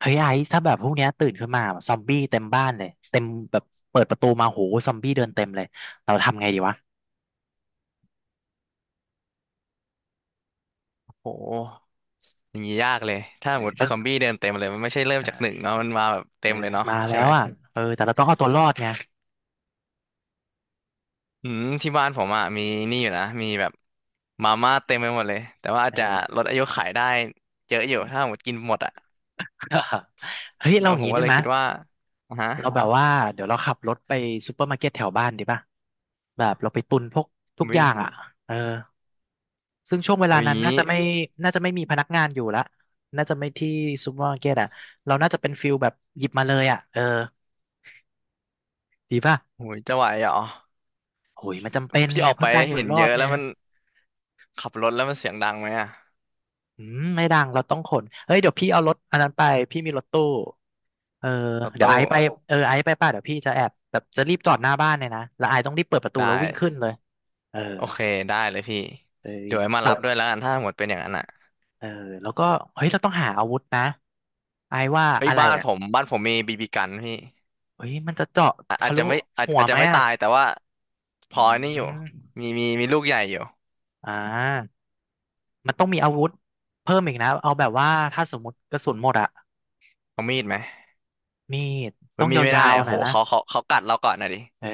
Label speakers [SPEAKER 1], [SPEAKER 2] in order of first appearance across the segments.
[SPEAKER 1] เฮ้ยไอซ์ถ้าแบบพวกเนี้ยตื่นขึ้นมาแบบซอมบี้เต็มบ้านเลยเต็มแบบเปิดประตูมาโหซอมบี้เดินเต็มเลยเราทำไงดีวะ
[SPEAKER 2] โหอย่างนี้ยากเลยถ้า
[SPEAKER 1] เออ
[SPEAKER 2] หมด
[SPEAKER 1] ต้อง
[SPEAKER 2] ซอมบี้เดินเต็มเลยมันไม่ใช่เริ่มจากหนึ่งเนาะมันมาแบบ
[SPEAKER 1] เอ
[SPEAKER 2] เต็
[SPEAKER 1] อ
[SPEAKER 2] มเลยเนาะ
[SPEAKER 1] มาแล้
[SPEAKER 2] ใช่ไห
[SPEAKER 1] ว
[SPEAKER 2] ม
[SPEAKER 1] อ่ะเออแต่เราต้องเอาตัวรอดไง
[SPEAKER 2] อืมที่บ้านผมอ่ะมีนี่อยู่นะมีแบบมาม่าเต็มไปหมดเลยแต่ว่าอาจ
[SPEAKER 1] เอ
[SPEAKER 2] จะ
[SPEAKER 1] อ
[SPEAKER 2] ลดอายุขายได้เยอะอยู่ถ้าหมดกินหมดอ่ะ
[SPEAKER 1] เฮ้ย
[SPEAKER 2] เอ
[SPEAKER 1] เรา
[SPEAKER 2] อ
[SPEAKER 1] อย่า
[SPEAKER 2] ผ
[SPEAKER 1] ง
[SPEAKER 2] ม
[SPEAKER 1] นี้
[SPEAKER 2] ก็
[SPEAKER 1] ได้
[SPEAKER 2] เลย
[SPEAKER 1] ไหมย
[SPEAKER 2] คิดว่าอ่ะฮะ
[SPEAKER 1] เราแบบว่าเดี๋ยวเราขับรถไปซูเปอร์มาร์เก็ตแถวบ้านดีป่ะแบบเราไปตุนพวกทุกอ
[SPEAKER 2] วิ
[SPEAKER 1] ย่างอ่ะเออซึ่งช่วงเวลา
[SPEAKER 2] วิอย่า
[SPEAKER 1] นั้
[SPEAKER 2] ง
[SPEAKER 1] น
[SPEAKER 2] นี้
[SPEAKER 1] น่าจะไม่น่าจะไม่มีพนักงานอยู่ละน่าจะไม่ที่ซูเปอร์มาร์เก็ตอ่ะเราน่าจะเป็นฟิลแบบหยิบมาเลยอ่ะเออดีป่ะ
[SPEAKER 2] โหยจะไหวเหรอ
[SPEAKER 1] โอ้ยมันจำเป็น
[SPEAKER 2] พี่
[SPEAKER 1] ไง
[SPEAKER 2] ออกไป
[SPEAKER 1] เพื่อการอยู่
[SPEAKER 2] เห็น
[SPEAKER 1] รอ
[SPEAKER 2] เย
[SPEAKER 1] ด
[SPEAKER 2] อะ
[SPEAKER 1] เนี่
[SPEAKER 2] แล้ว
[SPEAKER 1] ย
[SPEAKER 2] มันขับรถแล้วมันเสียงดังไหมอ่ะ
[SPEAKER 1] อืมไม่ดังเราต้องขนเฮ้ยเดี๋ยวพี่เอารถอันนั้นไปพี่มีรถตู้เออ
[SPEAKER 2] รถ
[SPEAKER 1] เดี๋ยวไอ
[SPEAKER 2] ตู้
[SPEAKER 1] ซ์ไปเออไอซ์ไปป่ะเดี๋ยวพี่จะแอบแบบจะรีบจอดหน้าบ้านเลยนะแล้วไอซ์ต้องรีบเปิดประตู
[SPEAKER 2] ได้
[SPEAKER 1] แล้ววิ่งขึ้นเลยเออ
[SPEAKER 2] โอเคได้เลยพี่
[SPEAKER 1] เอ้ย
[SPEAKER 2] เดี๋ยวให้มา
[SPEAKER 1] แต่
[SPEAKER 2] รับด้ว
[SPEAKER 1] ว่า
[SPEAKER 2] ยแล้วกันถ้าหมดเป็นอย่างนั้นอ่ะ
[SPEAKER 1] เออแล้วก็เฮ้ยเราต้องหาอาวุธนะไอซ์ว่า
[SPEAKER 2] เฮ้ย
[SPEAKER 1] อะไร
[SPEAKER 2] บ้าน
[SPEAKER 1] อ่ะ
[SPEAKER 2] ผมบ้านผมมีบีบีกันพี่
[SPEAKER 1] เฮ้ยมันจะเจาะ
[SPEAKER 2] อะ
[SPEAKER 1] ทะ
[SPEAKER 2] อาจ
[SPEAKER 1] ลุ
[SPEAKER 2] จะไม่อาจ
[SPEAKER 1] หัว
[SPEAKER 2] อาจ
[SPEAKER 1] ไห
[SPEAKER 2] จะ
[SPEAKER 1] ม
[SPEAKER 2] ไม่
[SPEAKER 1] อ่ะ
[SPEAKER 2] ตายแต่ว่าพ
[SPEAKER 1] อื
[SPEAKER 2] อนี่อยู่
[SPEAKER 1] ม
[SPEAKER 2] มีลูกใหญ่อยู่
[SPEAKER 1] อ่ามันต้องมีอาวุธเพิ่มอีกนะเอาแบบว่าถ้าสมมติกระสุนหมดอะ
[SPEAKER 2] เอามีดไหม
[SPEAKER 1] มีด
[SPEAKER 2] มั
[SPEAKER 1] ต้อ
[SPEAKER 2] น
[SPEAKER 1] ง
[SPEAKER 2] มีไม่
[SPEAKER 1] ยา
[SPEAKER 2] ได้
[SPEAKER 1] วๆ
[SPEAKER 2] โอ้
[SPEAKER 1] หน่
[SPEAKER 2] โห
[SPEAKER 1] อยนะ
[SPEAKER 2] เขากัดเราก่อนนะดิ
[SPEAKER 1] เออ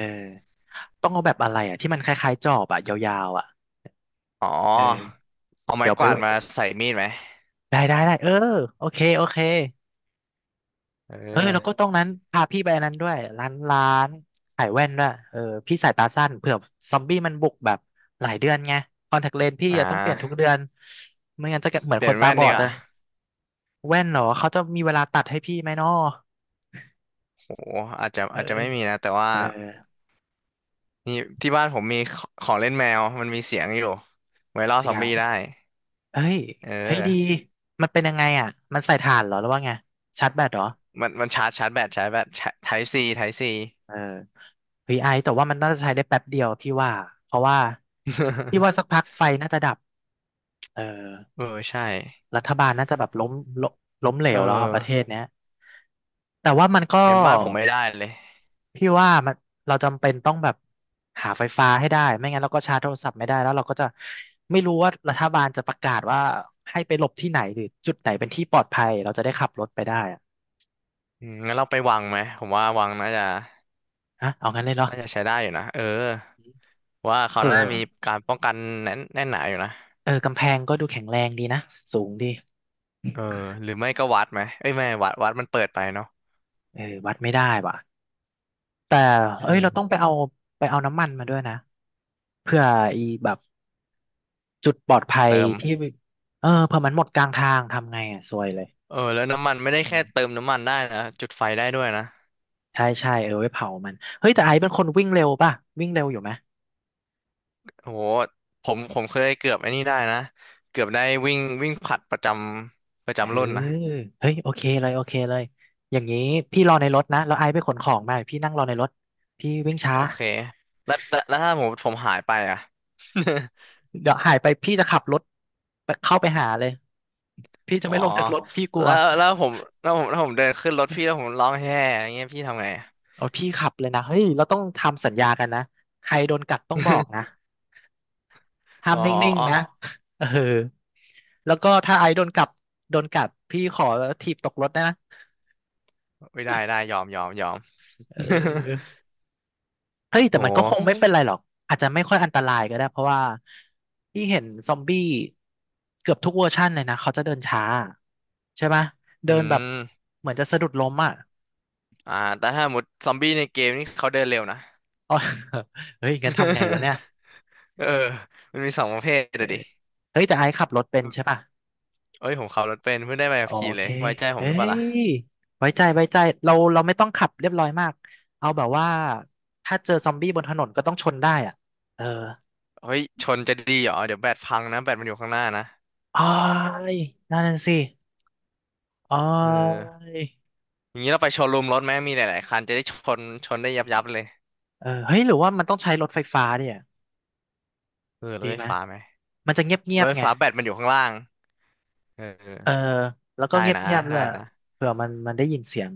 [SPEAKER 1] ต้องเอาแบบอะไรอ่ะที่มันคล้ายๆจอบอ่ะยาวๆอ่ะ
[SPEAKER 2] อ๋อ
[SPEAKER 1] เออ
[SPEAKER 2] เอาไม้
[SPEAKER 1] เดี๋ยวไป
[SPEAKER 2] กวา
[SPEAKER 1] เอา
[SPEAKER 2] ด
[SPEAKER 1] แบ
[SPEAKER 2] มา
[SPEAKER 1] บ
[SPEAKER 2] ใส่มีดไหม
[SPEAKER 1] ได้ได้ได้เออโอเคโอเค
[SPEAKER 2] เอ
[SPEAKER 1] เออ
[SPEAKER 2] อ
[SPEAKER 1] แล้วก็ตรงนั้นพาพี่ไปอันนั้นด้วยร้านร้านขายแว่นด้วยเออพี่สายตาสั้นเผื่อซอมบี้มันบุกแบบหลายเดือนไงคอนแทคเลนส์พี่
[SPEAKER 2] อ่
[SPEAKER 1] อะต้องเปลี่ยนทุก
[SPEAKER 2] า
[SPEAKER 1] เดือนไม่งั้นจะเหมือน
[SPEAKER 2] เป
[SPEAKER 1] ค
[SPEAKER 2] ลี่ย
[SPEAKER 1] น
[SPEAKER 2] น
[SPEAKER 1] ตา
[SPEAKER 2] แว่น
[SPEAKER 1] บอ
[SPEAKER 2] ดี
[SPEAKER 1] ด
[SPEAKER 2] ก
[SPEAKER 1] เล
[SPEAKER 2] ว่า
[SPEAKER 1] ยแว่นเหรอเขาจะมีเวลาตัดให้พี่ไหมน้อ
[SPEAKER 2] โอ้โหอาจจะ
[SPEAKER 1] เออ
[SPEAKER 2] อาจจะไม่มีนะแต่ว่า
[SPEAKER 1] เออ
[SPEAKER 2] นี่ที่บ้านผมมีของเล่นแมวมันมีเสียงอยู่ไว้ล่อ
[SPEAKER 1] เสี
[SPEAKER 2] ซอ
[SPEAKER 1] ย
[SPEAKER 2] ม
[SPEAKER 1] ง
[SPEAKER 2] บี้ได้
[SPEAKER 1] เฮ้ย
[SPEAKER 2] เอ
[SPEAKER 1] เฮ้ย
[SPEAKER 2] อ
[SPEAKER 1] ดีมันเป็นยังไงอ่ะมันใส่ถ่านเหรอหรือว่าไงชาร์จแบตเหรอ
[SPEAKER 2] มันชาร์จชาร์จแบตชาร์จแบตไทป์ซี
[SPEAKER 1] เออวีไ i แต่ว่ามันน่าจะใช้ได้แป๊บเดียวพี่ว่าเพราะว่าพี่ว่าสัก พักไฟน่าจะดับเออ
[SPEAKER 2] เออใช่
[SPEAKER 1] รัฐบาลน่าจะแบบล้มล้มล้มเหล
[SPEAKER 2] เอ
[SPEAKER 1] วแล้วอะประเท
[SPEAKER 2] อ
[SPEAKER 1] ศเนี้ยแต่ว่ามันก็
[SPEAKER 2] งั้นบ้านผมไม่ได้เลย
[SPEAKER 1] พี่ว่าเราจำเป็นต้องแบบหาไฟฟ้าให้ได้ไม่งั้นเราก็ชาร์จโทรศัพท์ไม่ได้แล้วเราก็จะไม่รู้ว่ารัฐบาลจะประกาศว่าให้ไปหลบที่ไหนหรือจุดไหนเป็นที่ปลอดภัยเราจะได้ขับรถไปได้อะ
[SPEAKER 2] อืมงั้นเราไปวังไหมผมว่าวังน่าจะ
[SPEAKER 1] ฮะเอางั้นเลยเนาะ
[SPEAKER 2] น่าจะใช้ได้อยู่นะเออว่าเขา
[SPEAKER 1] เออ
[SPEAKER 2] น่าจะมีการป้องกันแน่นหนาอยู่นะ
[SPEAKER 1] เออกำแพงก็ดูแข็งแรงดีนะสูงดี
[SPEAKER 2] เออหรือไม่ก็วัดไหมเอ้ยไม่วัดมันเปิดไปเนาะ
[SPEAKER 1] เออวัดไม่ได้ว่ะแต่เอ้ยเรา
[SPEAKER 2] เออ
[SPEAKER 1] ต้องไปเอาไปเอาน้ำมันมาด้วยนะเพื่ออีแบบจุดปลอดภัย
[SPEAKER 2] เติม
[SPEAKER 1] ที่เออเผื่อมันหมดกลางทางทำไงอ่ะซวยเลย
[SPEAKER 2] เออแล้วน้ำมันไม่ได้
[SPEAKER 1] อื
[SPEAKER 2] แค่เติ
[SPEAKER 1] ม
[SPEAKER 2] มน้ำมันได้นะจุดไฟได้ด้วยนะ
[SPEAKER 1] ใช่ใช่เออไว้เผามันเฮ้ยแต่ไอซ์เป็นคนวิ่งเร็วป่ะวิ่งเร็วอยู่ไหม
[SPEAKER 2] โอ้โหผมเคยเกือบไอ้นี่ได้นะเกือบได้วิ่งวิ่งผลัดประจำประ
[SPEAKER 1] เออ
[SPEAKER 2] จำรุ่นนะ
[SPEAKER 1] เฮ้ยโอเคเลยโอเคเลยอย่างนี้พี่รอในรถนะแล้วไอซ์ไปขนของมาพี่นั่งรอในรถพี่วิ่งช้า
[SPEAKER 2] โอเคแล้วถ้าผมหายไปอ่ะ
[SPEAKER 1] เดี๋ยวหายไปพี่จะขับรถไปเข้าไปหาเลยพี่ จะ
[SPEAKER 2] อ๋อ
[SPEAKER 1] ไม่ลงจากรถพี่กลัว
[SPEAKER 2] แล้วแล้วผมแล้วผมแล้วผมเดินขึ้นรถพี่แล้วผมร้องแฮ่อย่างเงี้ยพี่ทำไง
[SPEAKER 1] โอ้ยพี่ขับเลยนะเฮ้ยเราต้องทำสัญญากันนะใครโดนกัดต้องบอกนะ ห้า
[SPEAKER 2] อ๋
[SPEAKER 1] มนิ่งๆนะ
[SPEAKER 2] อ
[SPEAKER 1] เออแล้วก็ถ้าไอซ์โดนกัดโดนกัดพี่ขอถีบตกรถนะ
[SPEAKER 2] ไม่ได้ได้ยอม
[SPEAKER 1] เ ออเฮ้ย
[SPEAKER 2] โห
[SPEAKER 1] แต่มันก็คงไม่เป็นไรหรอกอาจจะไม่ค่อยอันตรายก็ได้เพราะว่าพี่เห็นซอมบี้เกือบทุกเวอร์ชันเลยนะเขาจะเดินช้าใช่ไหม
[SPEAKER 2] อื
[SPEAKER 1] เดินแบบ
[SPEAKER 2] ม
[SPEAKER 1] เหมือนจะสะดุดล้มอ่ะ
[SPEAKER 2] อ่าแต่ถ้าหมดซอมบี้ในเกมนี่เขาเดินเร็วนะ
[SPEAKER 1] อ๋อเฮ้ยงั้นทำไงวะ เนี่ย
[SPEAKER 2] เออมันมีสองประเภท
[SPEAKER 1] เอ
[SPEAKER 2] เล
[SPEAKER 1] อ
[SPEAKER 2] ยดิ
[SPEAKER 1] เฮ้ยแต่ไอซ์ขับรถเป็นใช่ป่ะ
[SPEAKER 2] เอ้ยผมขับรถเป็นเพิ่งได้ใบ
[SPEAKER 1] โอ
[SPEAKER 2] ขับขี่เล
[SPEAKER 1] เค
[SPEAKER 2] ยไว้ใจผ
[SPEAKER 1] เอ้
[SPEAKER 2] มหรือเปล่า
[SPEAKER 1] ย
[SPEAKER 2] ล่ะ
[SPEAKER 1] ไว้ใจไว้ใจเราไม่ต้องขับเรียบร้อยมากเอาแบบว่าถ้าเจอซอมบี้บนถนนก็ต้องชนได้อ่ะเออ
[SPEAKER 2] เฮ้ยชนจะดีเหรอเดี๋ยวแบตพังนะแบตมันอยู่ข้างหน้านะ
[SPEAKER 1] อ้ายนั่นนะสิอ้
[SPEAKER 2] เออ
[SPEAKER 1] าย
[SPEAKER 2] อย่างนี้เราไปโชว์รูมรถไหมมีหลายๆคันจะได้ชนชนได้ยับเลย
[SPEAKER 1] เออเฮ้ยหรือว่ามันต้องใช้รถไฟฟ้าเนี่ย
[SPEAKER 2] เออร
[SPEAKER 1] ดี
[SPEAKER 2] ถไฟ
[SPEAKER 1] ไหม
[SPEAKER 2] ฟ้าไหม
[SPEAKER 1] มันจะเงียบเงี
[SPEAKER 2] ร
[SPEAKER 1] ยบ
[SPEAKER 2] ถไฟ
[SPEAKER 1] ไง
[SPEAKER 2] ฟ้าแบตมันอยู่ข้างล่างเออ
[SPEAKER 1] เออแล้วก็
[SPEAKER 2] ได้
[SPEAKER 1] เ
[SPEAKER 2] นะ
[SPEAKER 1] งียบๆด้
[SPEAKER 2] ได้
[SPEAKER 1] วย
[SPEAKER 2] นะ
[SPEAKER 1] เผื่อมันมันได้ยินเสียง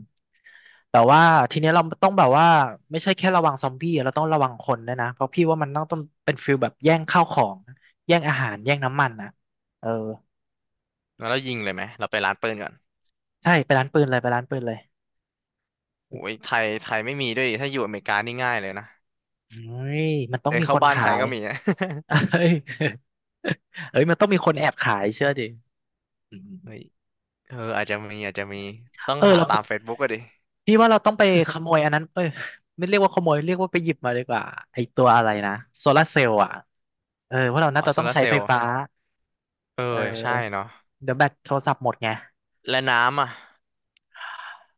[SPEAKER 1] แต่ว่าทีเนี้ยเราต้องแบบว่าไม่ใช่แค่ระวังซอมบี้เราต้องระวังคนด้วยนะเพราะพี่ว่ามันต้องเป็นฟิลแบบแย่งข้าวของแย่งอาหารแย่งน้ำมันนะเออ
[SPEAKER 2] แล้วเรายิงเลยไหมเราไปร้านปืนก่อน
[SPEAKER 1] ใช่ไปร้านปืนเลยไปร้านปืนเลย
[SPEAKER 2] โอ้ยไทยไม่มีด้วยดิถ้าอยู่อเมริกานี่ง่ายเลยนะ
[SPEAKER 1] เฮ้ยมันต้อง
[SPEAKER 2] เดิน
[SPEAKER 1] มีค
[SPEAKER 2] เข้า
[SPEAKER 1] น
[SPEAKER 2] บ้าน
[SPEAKER 1] ขา
[SPEAKER 2] ใคร
[SPEAKER 1] ย
[SPEAKER 2] ก็มีอะ
[SPEAKER 1] เ ฮ้ยเอ้ยมันต้องมีคนแอบขายเชื่อดิอืม
[SPEAKER 2] เฮ้ยเอออาจจะมีต้อง
[SPEAKER 1] เออ
[SPEAKER 2] หา
[SPEAKER 1] แล้ว
[SPEAKER 2] ตาม Facebook ก็ดิ
[SPEAKER 1] พี่ว่าเราต้องไปขโมยอันนั้นเอ้ยไม่เรียกว่าขโมย เรียกว่าไปหยิบมาดีกว่าไอตัวอะไรนะโซลาเซลล์อ่ะ เออว่าะเรา
[SPEAKER 2] อ๋อ
[SPEAKER 1] น่าจะ
[SPEAKER 2] โซ
[SPEAKER 1] ต้อง
[SPEAKER 2] ลาร์
[SPEAKER 1] ใช้
[SPEAKER 2] เซล
[SPEAKER 1] ไฟ
[SPEAKER 2] ล์
[SPEAKER 1] ฟ้า
[SPEAKER 2] เออ
[SPEAKER 1] เ
[SPEAKER 2] ใช่
[SPEAKER 1] ออ
[SPEAKER 2] เนาะ
[SPEAKER 1] เดี๋ยวแบตโทรศัพท์หมดไง
[SPEAKER 2] และน้ำอ่ะ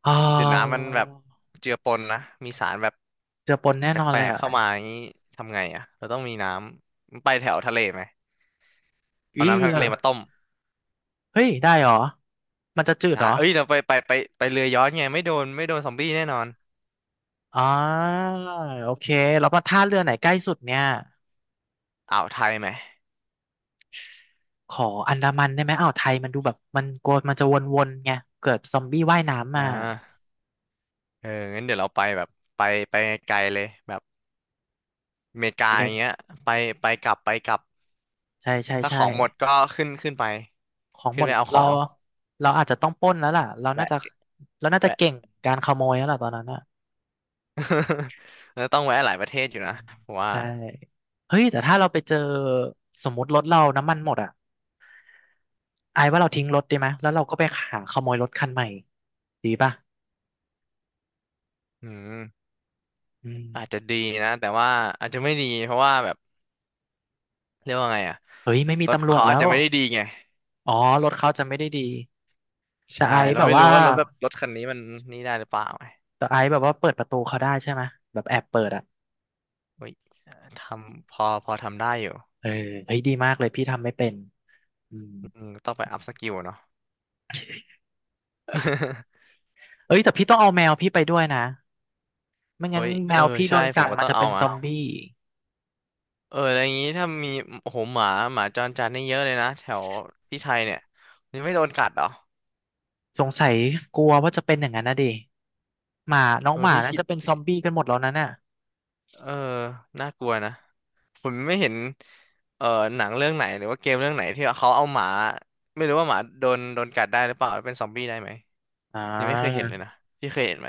[SPEAKER 1] อ๋อ
[SPEAKER 2] เดี๋ยวน้ำมันแบบเจือปนนะมีสารแบบ
[SPEAKER 1] เจือปนแน่
[SPEAKER 2] แป
[SPEAKER 1] นอนเล
[SPEAKER 2] ล
[SPEAKER 1] ย
[SPEAKER 2] กๆ
[SPEAKER 1] อ่ะ
[SPEAKER 2] เข้ามาอย่างนี้ทำไงอ่ะเราต้องมีน้ำไปแถวทะเลไหมเอา
[SPEAKER 1] อี้
[SPEAKER 2] น้ำทะ
[SPEAKER 1] แล้
[SPEAKER 2] เล
[SPEAKER 1] ว
[SPEAKER 2] มาต้ม
[SPEAKER 1] เฮ้ย ได้เหรอ มันจะจืดเห
[SPEAKER 2] อ่า
[SPEAKER 1] รอ
[SPEAKER 2] เอ้ยเราไปเรือย้อนไงไม่โดนซอมบี้แน่นอน
[SPEAKER 1] อ๋อ โอเคแล้วมาท่าเรือไหนใกล้สุดเนี่ย
[SPEAKER 2] อ่าวไทยไหม
[SPEAKER 1] ขออันดามันได้ไหมอ่าวไทยมันดูแบบมันกลัวมันจะวนๆไงเกิดซอมบี้ว่ายน้ำ
[SPEAKER 2] อ่
[SPEAKER 1] มา
[SPEAKER 2] าเอองั้นเดี๋ยวเราไปแบบไปไปไกลเลยแบบ อเมริ
[SPEAKER 1] โอ
[SPEAKER 2] กาอย่างเงี้
[SPEAKER 1] เค
[SPEAKER 2] ยไปไปกลับไปกลับ
[SPEAKER 1] ใช่ใช่
[SPEAKER 2] ถ้าข
[SPEAKER 1] ใช่
[SPEAKER 2] องหมดก็ขึ้นไป
[SPEAKER 1] ของ
[SPEAKER 2] ขึ้
[SPEAKER 1] หม
[SPEAKER 2] น
[SPEAKER 1] ด
[SPEAKER 2] ไปเอาขอ
[SPEAKER 1] เรา
[SPEAKER 2] ง
[SPEAKER 1] เราอาจจะต้องปล้นแล้วล่ะเราน่า
[SPEAKER 2] แวะ
[SPEAKER 1] จะเราน่าจะ
[SPEAKER 2] แวะ
[SPEAKER 1] เก่งการขโมยแล้วล่ะตอนนั้นอ่ะ
[SPEAKER 2] แล้วต้องแวะหลายประเทศอยู่
[SPEAKER 1] อื
[SPEAKER 2] นะ
[SPEAKER 1] ม
[SPEAKER 2] ผมว่า
[SPEAKER 1] ใช่เฮ้ยแต่ถ้าเราไปเจอสมมติรถเราน้ำมันหมดอ่ะไอ้ว่าเราทิ้งรถดีไหมแล้วเราก็ไปหาขโมยรถคันใหม่ดีป่ะ
[SPEAKER 2] อืม
[SPEAKER 1] อื
[SPEAKER 2] อาจจะ
[SPEAKER 1] ม
[SPEAKER 2] ดีนะแต่ว่าอาจจะไม่ดีเพราะว่าแบบเรียกว่าไงอะ
[SPEAKER 1] เฮ้ยไม่มี
[SPEAKER 2] รถ
[SPEAKER 1] ตำรวจ
[SPEAKER 2] เขา
[SPEAKER 1] แล้
[SPEAKER 2] อาจ
[SPEAKER 1] ว
[SPEAKER 2] จะไม่ได้ดีไง
[SPEAKER 1] อ๋อรถเขาจะไม่ได้ดีแต่
[SPEAKER 2] ใช่
[SPEAKER 1] ไอ้
[SPEAKER 2] เรา
[SPEAKER 1] แบบ
[SPEAKER 2] ไม่รู้
[SPEAKER 1] ว่า
[SPEAKER 2] ว่ารถแบบรถคันนี้มันนี่ได้หรือเปล่าไง
[SPEAKER 1] แต่ไอ้แบบว่าเปิดประตูเขาได้ใช่ไหมแบบแอบเปิดอ่ะ
[SPEAKER 2] เฮ้ยทำพอทำได้อยู่
[SPEAKER 1] เออเฮ้ยดีมากเลยพี่ทำไม่เป็นอืม
[SPEAKER 2] อืมต้องไปอัพสกิลเนาะ
[SPEAKER 1] เอ้ยแต่พี่ต้องเอาแมวพี่ไปด้วยนะ ไม่
[SPEAKER 2] เฮ้
[SPEAKER 1] งั้น
[SPEAKER 2] ย
[SPEAKER 1] แม
[SPEAKER 2] เออ
[SPEAKER 1] วพี่โด
[SPEAKER 2] ใช่
[SPEAKER 1] น
[SPEAKER 2] ผ
[SPEAKER 1] กั
[SPEAKER 2] ม
[SPEAKER 1] ด
[SPEAKER 2] ก็
[SPEAKER 1] มัน
[SPEAKER 2] ต้อง
[SPEAKER 1] จะ
[SPEAKER 2] เอา
[SPEAKER 1] เป็นซ
[SPEAKER 2] มา
[SPEAKER 1] อมบี้
[SPEAKER 2] เอออะไรอย่างงี้ถ้ามีโอ้โหหมาจรจัดนี่เยอะเลยนะแถวที่ไทยเนี่ยมันไม่โดนกัดเหรอ
[SPEAKER 1] สงสัยกลัวว่าจะเป็นอย่างนั้นนะดิหมาน้อง
[SPEAKER 2] เอ
[SPEAKER 1] ห
[SPEAKER 2] อ
[SPEAKER 1] มา
[SPEAKER 2] พี่
[SPEAKER 1] น่า
[SPEAKER 2] คิด
[SPEAKER 1] จะเป็นซอมบี้กันหมดแล้วนั่นน่ะ
[SPEAKER 2] เออน่ากลัวนะผมไม่เห็นเออหนังเรื่องไหนหรือว่าเกมเรื่องไหนที่เขาเอาหมาไม่รู้ว่าหมาโดนกัดได้หรือเปล่าหรือเป็นซอมบี้ได้ไหม
[SPEAKER 1] อ่
[SPEAKER 2] ยังไม่เคยเห็
[SPEAKER 1] า
[SPEAKER 2] นเลยนะพี่เคยเห็นไหม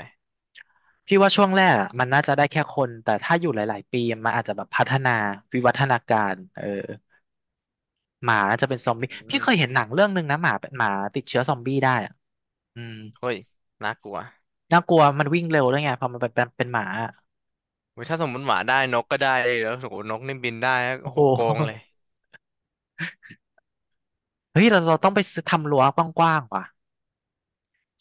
[SPEAKER 1] พี่ว่าช่วงแรกอะมันน่าจะได้แค่คนแต่ถ้าอยู่หลาย ๆ ปีมันอาจจะแบบพัฒนาวิวัฒนาการเออหมาน่าจะเป็นซอมบี้
[SPEAKER 2] อื
[SPEAKER 1] พี่
[SPEAKER 2] ม
[SPEAKER 1] เคยเห็นหนังเรื่องหนึ่งนะหมาเป็นหมาติดเชื้อซอมบี้ได้อะอืม
[SPEAKER 2] เฮ้ยน่ากลัว
[SPEAKER 1] น่ากลัวมันวิ่งเร็วด้วยไงพอมันเป็นหมาอะ
[SPEAKER 2] เว้ยถ้าสมมติหมาได้นกก็ได้เลยแล้วโหนกนี่บินได้นะ
[SPEAKER 1] โอ้
[SPEAKER 2] โอ้
[SPEAKER 1] โห
[SPEAKER 2] โหโกงเลย
[SPEAKER 1] เฮ้ยเราเราต้องไปซื้อทำรั้วกว้างๆว่ะ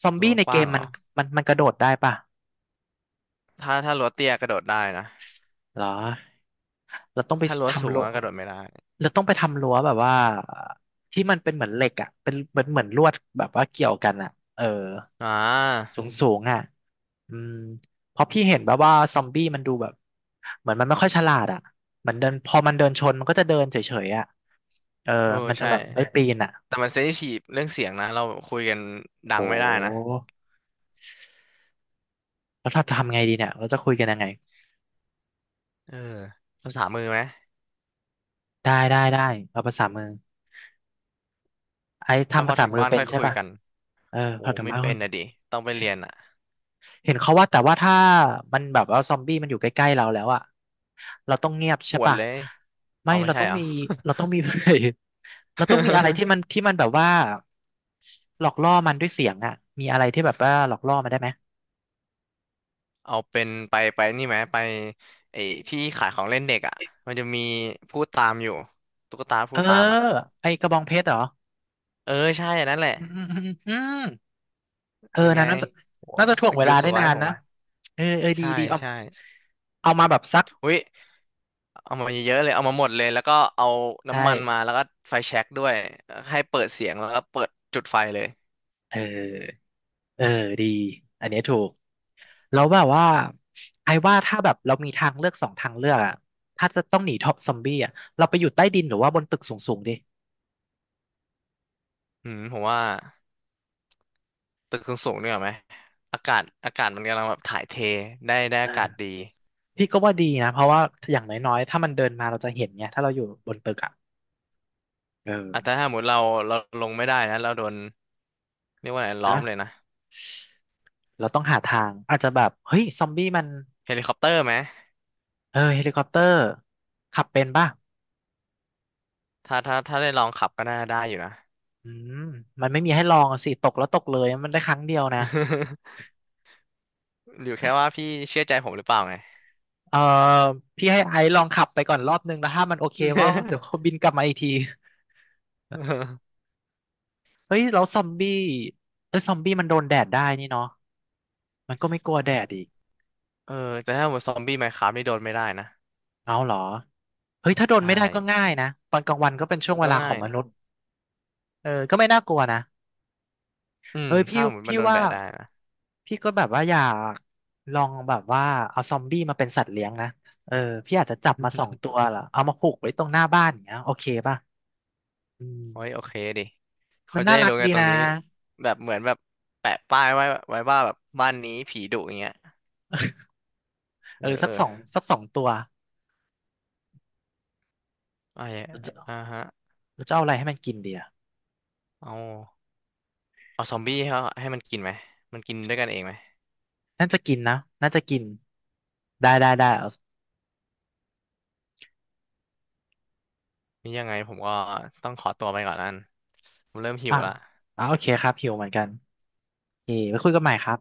[SPEAKER 1] ซอม
[SPEAKER 2] รั้
[SPEAKER 1] บี้
[SPEAKER 2] ว
[SPEAKER 1] ใน
[SPEAKER 2] ก
[SPEAKER 1] เก
[SPEAKER 2] ว้า
[SPEAKER 1] ม
[SPEAKER 2] งเหร
[SPEAKER 1] มัน
[SPEAKER 2] อ
[SPEAKER 1] มันกระโดดได้ป่ะ
[SPEAKER 2] ถ้ารั้วเตี้ยกระโดดได้นะ
[SPEAKER 1] เหรอ เราต้องไป
[SPEAKER 2] ถ้ารั้วสู
[SPEAKER 1] ทำ
[SPEAKER 2] ง
[SPEAKER 1] รั้ว
[SPEAKER 2] อะกระโดดไม่ได้
[SPEAKER 1] เราต้องไปทำรั้วแบบว่าที่มันเป็นเหมือนเหล็กอ่ะเป็นเหมือนเหมือนลวดแบบว่าเกี่ยวกันอ่ะเออ
[SPEAKER 2] อ่า
[SPEAKER 1] สูงสูงอ่ะอืมเพราะพี่เห็นแบบว่าซอมบี้มันดูแบบเหมือนมันไม่ค่อยฉลาดอ่ะเหมือนเดินพอมันเดินชนมันก็จะเดินเฉยๆอ่ะเออ
[SPEAKER 2] เออ
[SPEAKER 1] มันจะ
[SPEAKER 2] ใช่
[SPEAKER 1] แบบไม่ปีนอ่ะ
[SPEAKER 2] แต่มันเซนซิทีฟเรื่องเสียงนะเราคุยกันดั
[SPEAKER 1] โ
[SPEAKER 2] งไม่ได้นะ
[SPEAKER 1] หแล้วถ้าจะทำไงดีเนี่ยเราจะคุยกันยังไง
[SPEAKER 2] เออภาษามือไหม
[SPEAKER 1] ได้ได้ได้เอาภาษามือไอ้
[SPEAKER 2] แล้ว
[SPEAKER 1] ทำ
[SPEAKER 2] พ
[SPEAKER 1] ภา
[SPEAKER 2] อ
[SPEAKER 1] ษา
[SPEAKER 2] ถึง
[SPEAKER 1] มือ
[SPEAKER 2] บ้าน
[SPEAKER 1] เป็
[SPEAKER 2] ค่
[SPEAKER 1] น
[SPEAKER 2] อย
[SPEAKER 1] ใช่
[SPEAKER 2] คุย
[SPEAKER 1] ป่ะ
[SPEAKER 2] กัน
[SPEAKER 1] เออ
[SPEAKER 2] โอ้
[SPEAKER 1] พอถึง
[SPEAKER 2] ไม่
[SPEAKER 1] บ้า
[SPEAKER 2] เป็น
[SPEAKER 1] น
[SPEAKER 2] นะดิต้องไปเรียนอ่ะ
[SPEAKER 1] เห็นเขาว่าแต่ว่าถ้ามันแบบว่าซอมบี้มันอยู่ใกล้ๆเราแล้วอะเราต้องเงียบใช่
[SPEAKER 2] หวด
[SPEAKER 1] ปะ
[SPEAKER 2] เลย
[SPEAKER 1] ไม่
[SPEAKER 2] เอาไม่
[SPEAKER 1] เรา
[SPEAKER 2] ใช่
[SPEAKER 1] ต้อง
[SPEAKER 2] เหรอ
[SPEAKER 1] มีเราต้องมี เราต้องมีอะไรที่ มันที่มันแบบว่าหลอกล่อมันด้วยเสียงอะมีอะไรที่แบบว่าหลอกล่อมันได้ไหม
[SPEAKER 2] เอาเป็นไปนี่ไหมไปไอ้ที่ขายของเล่นเด็กอ่ะ มันจะมีพูดตามอยู่ตุ๊กตา
[SPEAKER 1] เอ
[SPEAKER 2] พู
[SPEAKER 1] อ
[SPEAKER 2] ดตามอ่ะ
[SPEAKER 1] ไอกระบองเพชรเหรอ
[SPEAKER 2] เออใช่อันนั้นแหละ
[SPEAKER 1] อืม
[SPEAKER 2] เ
[SPEAKER 1] เออ
[SPEAKER 2] ป็นไง
[SPEAKER 1] นะน่าจะ
[SPEAKER 2] โห
[SPEAKER 1] น่าจะถ่ว
[SPEAKER 2] ส
[SPEAKER 1] งเว
[SPEAKER 2] กิ
[SPEAKER 1] ลา
[SPEAKER 2] ลส
[SPEAKER 1] ได้
[SPEAKER 2] ไว
[SPEAKER 1] นาน
[SPEAKER 2] ผ
[SPEAKER 1] นะ
[SPEAKER 2] ม
[SPEAKER 1] เออเออดี
[SPEAKER 2] ใช่
[SPEAKER 1] ดีเอา
[SPEAKER 2] ใช่
[SPEAKER 1] เอามาแบบซัก
[SPEAKER 2] อุ้ย เอามาเยอะๆเลยเอามาหมดเลยแล้วก็เอา
[SPEAKER 1] ใช่
[SPEAKER 2] น้ำมันมาแล้วก็ไฟแช็กด้วยให้เปิดเสียงแล้วก็เปิดจุดไฟเลย
[SPEAKER 1] เออเออดีอันเนี้ยถูก แล้วแบบว่าไอ้ว่าถ้าแบบเรามีทางเลือกสองทางเลือกอะถ้าจะต้องหนีท็อปซอมบี้อะเราไปอยู่ใต้ดินหรือว่าบนตึกสูงๆดิ
[SPEAKER 2] อืมผมว่าตึกสูงๆเนี่ยไหมอากาศมันกำลังแบบถ่ายเทได้
[SPEAKER 1] เอ
[SPEAKER 2] อากาศดี
[SPEAKER 1] อพี่ก็ว่าดีนะเพราะว่าอย่างน้อยๆถ้ามันเดินมาเราจะเห็นไงถ้าเราอยู่บนตึกอะเอ
[SPEAKER 2] อ่ะแต่
[SPEAKER 1] อ
[SPEAKER 2] ถ้าสมมติเราลงไม่ได้นะเราโดนเรียกว่าอะไรล้อมเลย
[SPEAKER 1] นะ
[SPEAKER 2] นะ
[SPEAKER 1] เราต้องหาทางอาจจะแบบเฮ้ยซอมบี้มัน
[SPEAKER 2] เฮลิคอปเตอร์ไหม
[SPEAKER 1] เออเฮลิคอปเตอร์ขับเป็นป่ะ
[SPEAKER 2] ถ้าได้ลองขับก็น่าได้อยู่นะ
[SPEAKER 1] อืมมันไม่มีให้ลองอะสิตกแล้วตกเลยมันได้ครั้งเดียวนะ
[SPEAKER 2] อยู่แค่ว่าพี่เชื่อใจผมหรือเปล่าไง
[SPEAKER 1] เออพี่ให้ไอซ์ลองขับไปก่อนรอบนึงแล้วถ้ามันโอเคก็เดี๋ยวเขาบินกลับมาอีกที เฮ้ยแล้วซอมบี้เอ้ยซอมบี้มันโดนแดดได้นี่เนาะมันก็ไม่กลัวแดดอีก
[SPEAKER 2] เออแต่ถ้าหมดซอมบี้ไมน์คราฟนี่โดนไม่ได้นะ
[SPEAKER 1] เอาเหรอเฮ้ยถ้าโดน
[SPEAKER 2] ใช่
[SPEAKER 1] ไม่ได้ก็ง่ายนะตอนกลางวันก็เป็นช่วง
[SPEAKER 2] มัน
[SPEAKER 1] เว
[SPEAKER 2] ก็
[SPEAKER 1] ลาขอ
[SPEAKER 2] ง่า
[SPEAKER 1] ง
[SPEAKER 2] ย
[SPEAKER 1] ม
[SPEAKER 2] นี่
[SPEAKER 1] นุษย์เออก็ไม่น่ากลัวนะ
[SPEAKER 2] อืม
[SPEAKER 1] เอ้ยพี่
[SPEAKER 2] ถ้าหมดมั
[SPEAKER 1] พี่
[SPEAKER 2] นโดน
[SPEAKER 1] ว่า
[SPEAKER 2] แบะได้นะ
[SPEAKER 1] พี่ก็แบบว่าอยากลองแบบว่าเอาซอมบี้มาเป็นสัตว์เลี้ยงนะเออพี่อาจจะจับมาสองตั วเหรอเอามาผูกไว้ตรงหน้าบ้านอย่างเงี้ยโอเคป่ะอืม
[SPEAKER 2] โอ้ยโอเคดิ
[SPEAKER 1] มั
[SPEAKER 2] เขา
[SPEAKER 1] น
[SPEAKER 2] จะ
[SPEAKER 1] น่า
[SPEAKER 2] ได้
[SPEAKER 1] รัก
[SPEAKER 2] รู้ไง
[SPEAKER 1] ดี
[SPEAKER 2] ตรง
[SPEAKER 1] นะ
[SPEAKER 2] นี้แบบเหมือนแบบแปะป้ายไว้ไว้ว่าแบบบ้านนี้ผีดุอย่างเงี้ยเอ
[SPEAKER 1] เออ
[SPEAKER 2] อเอ
[SPEAKER 1] สัก
[SPEAKER 2] อ
[SPEAKER 1] สองสักสองตัว
[SPEAKER 2] ไอ้
[SPEAKER 1] เราจะ
[SPEAKER 2] อ่าฮะ
[SPEAKER 1] เราจะเอาอะไรให้มันกินดีอะ
[SPEAKER 2] เอาเอาซอมบี้ให้เขาให้มันกินไหมมันกินด้วยกันเองไหม
[SPEAKER 1] น่าจะกินนะน่าจะกิน ได้ได้ได้เอา
[SPEAKER 2] นี่ยังไงผมก็ต้องขอตัวไปก่อนนั่นผมเริ่มหิ
[SPEAKER 1] อ่ะ
[SPEAKER 2] วละ
[SPEAKER 1] อ่ะโอเคครับหิวเหมือนกันโอเคไว้คุยกันใหม่ครับ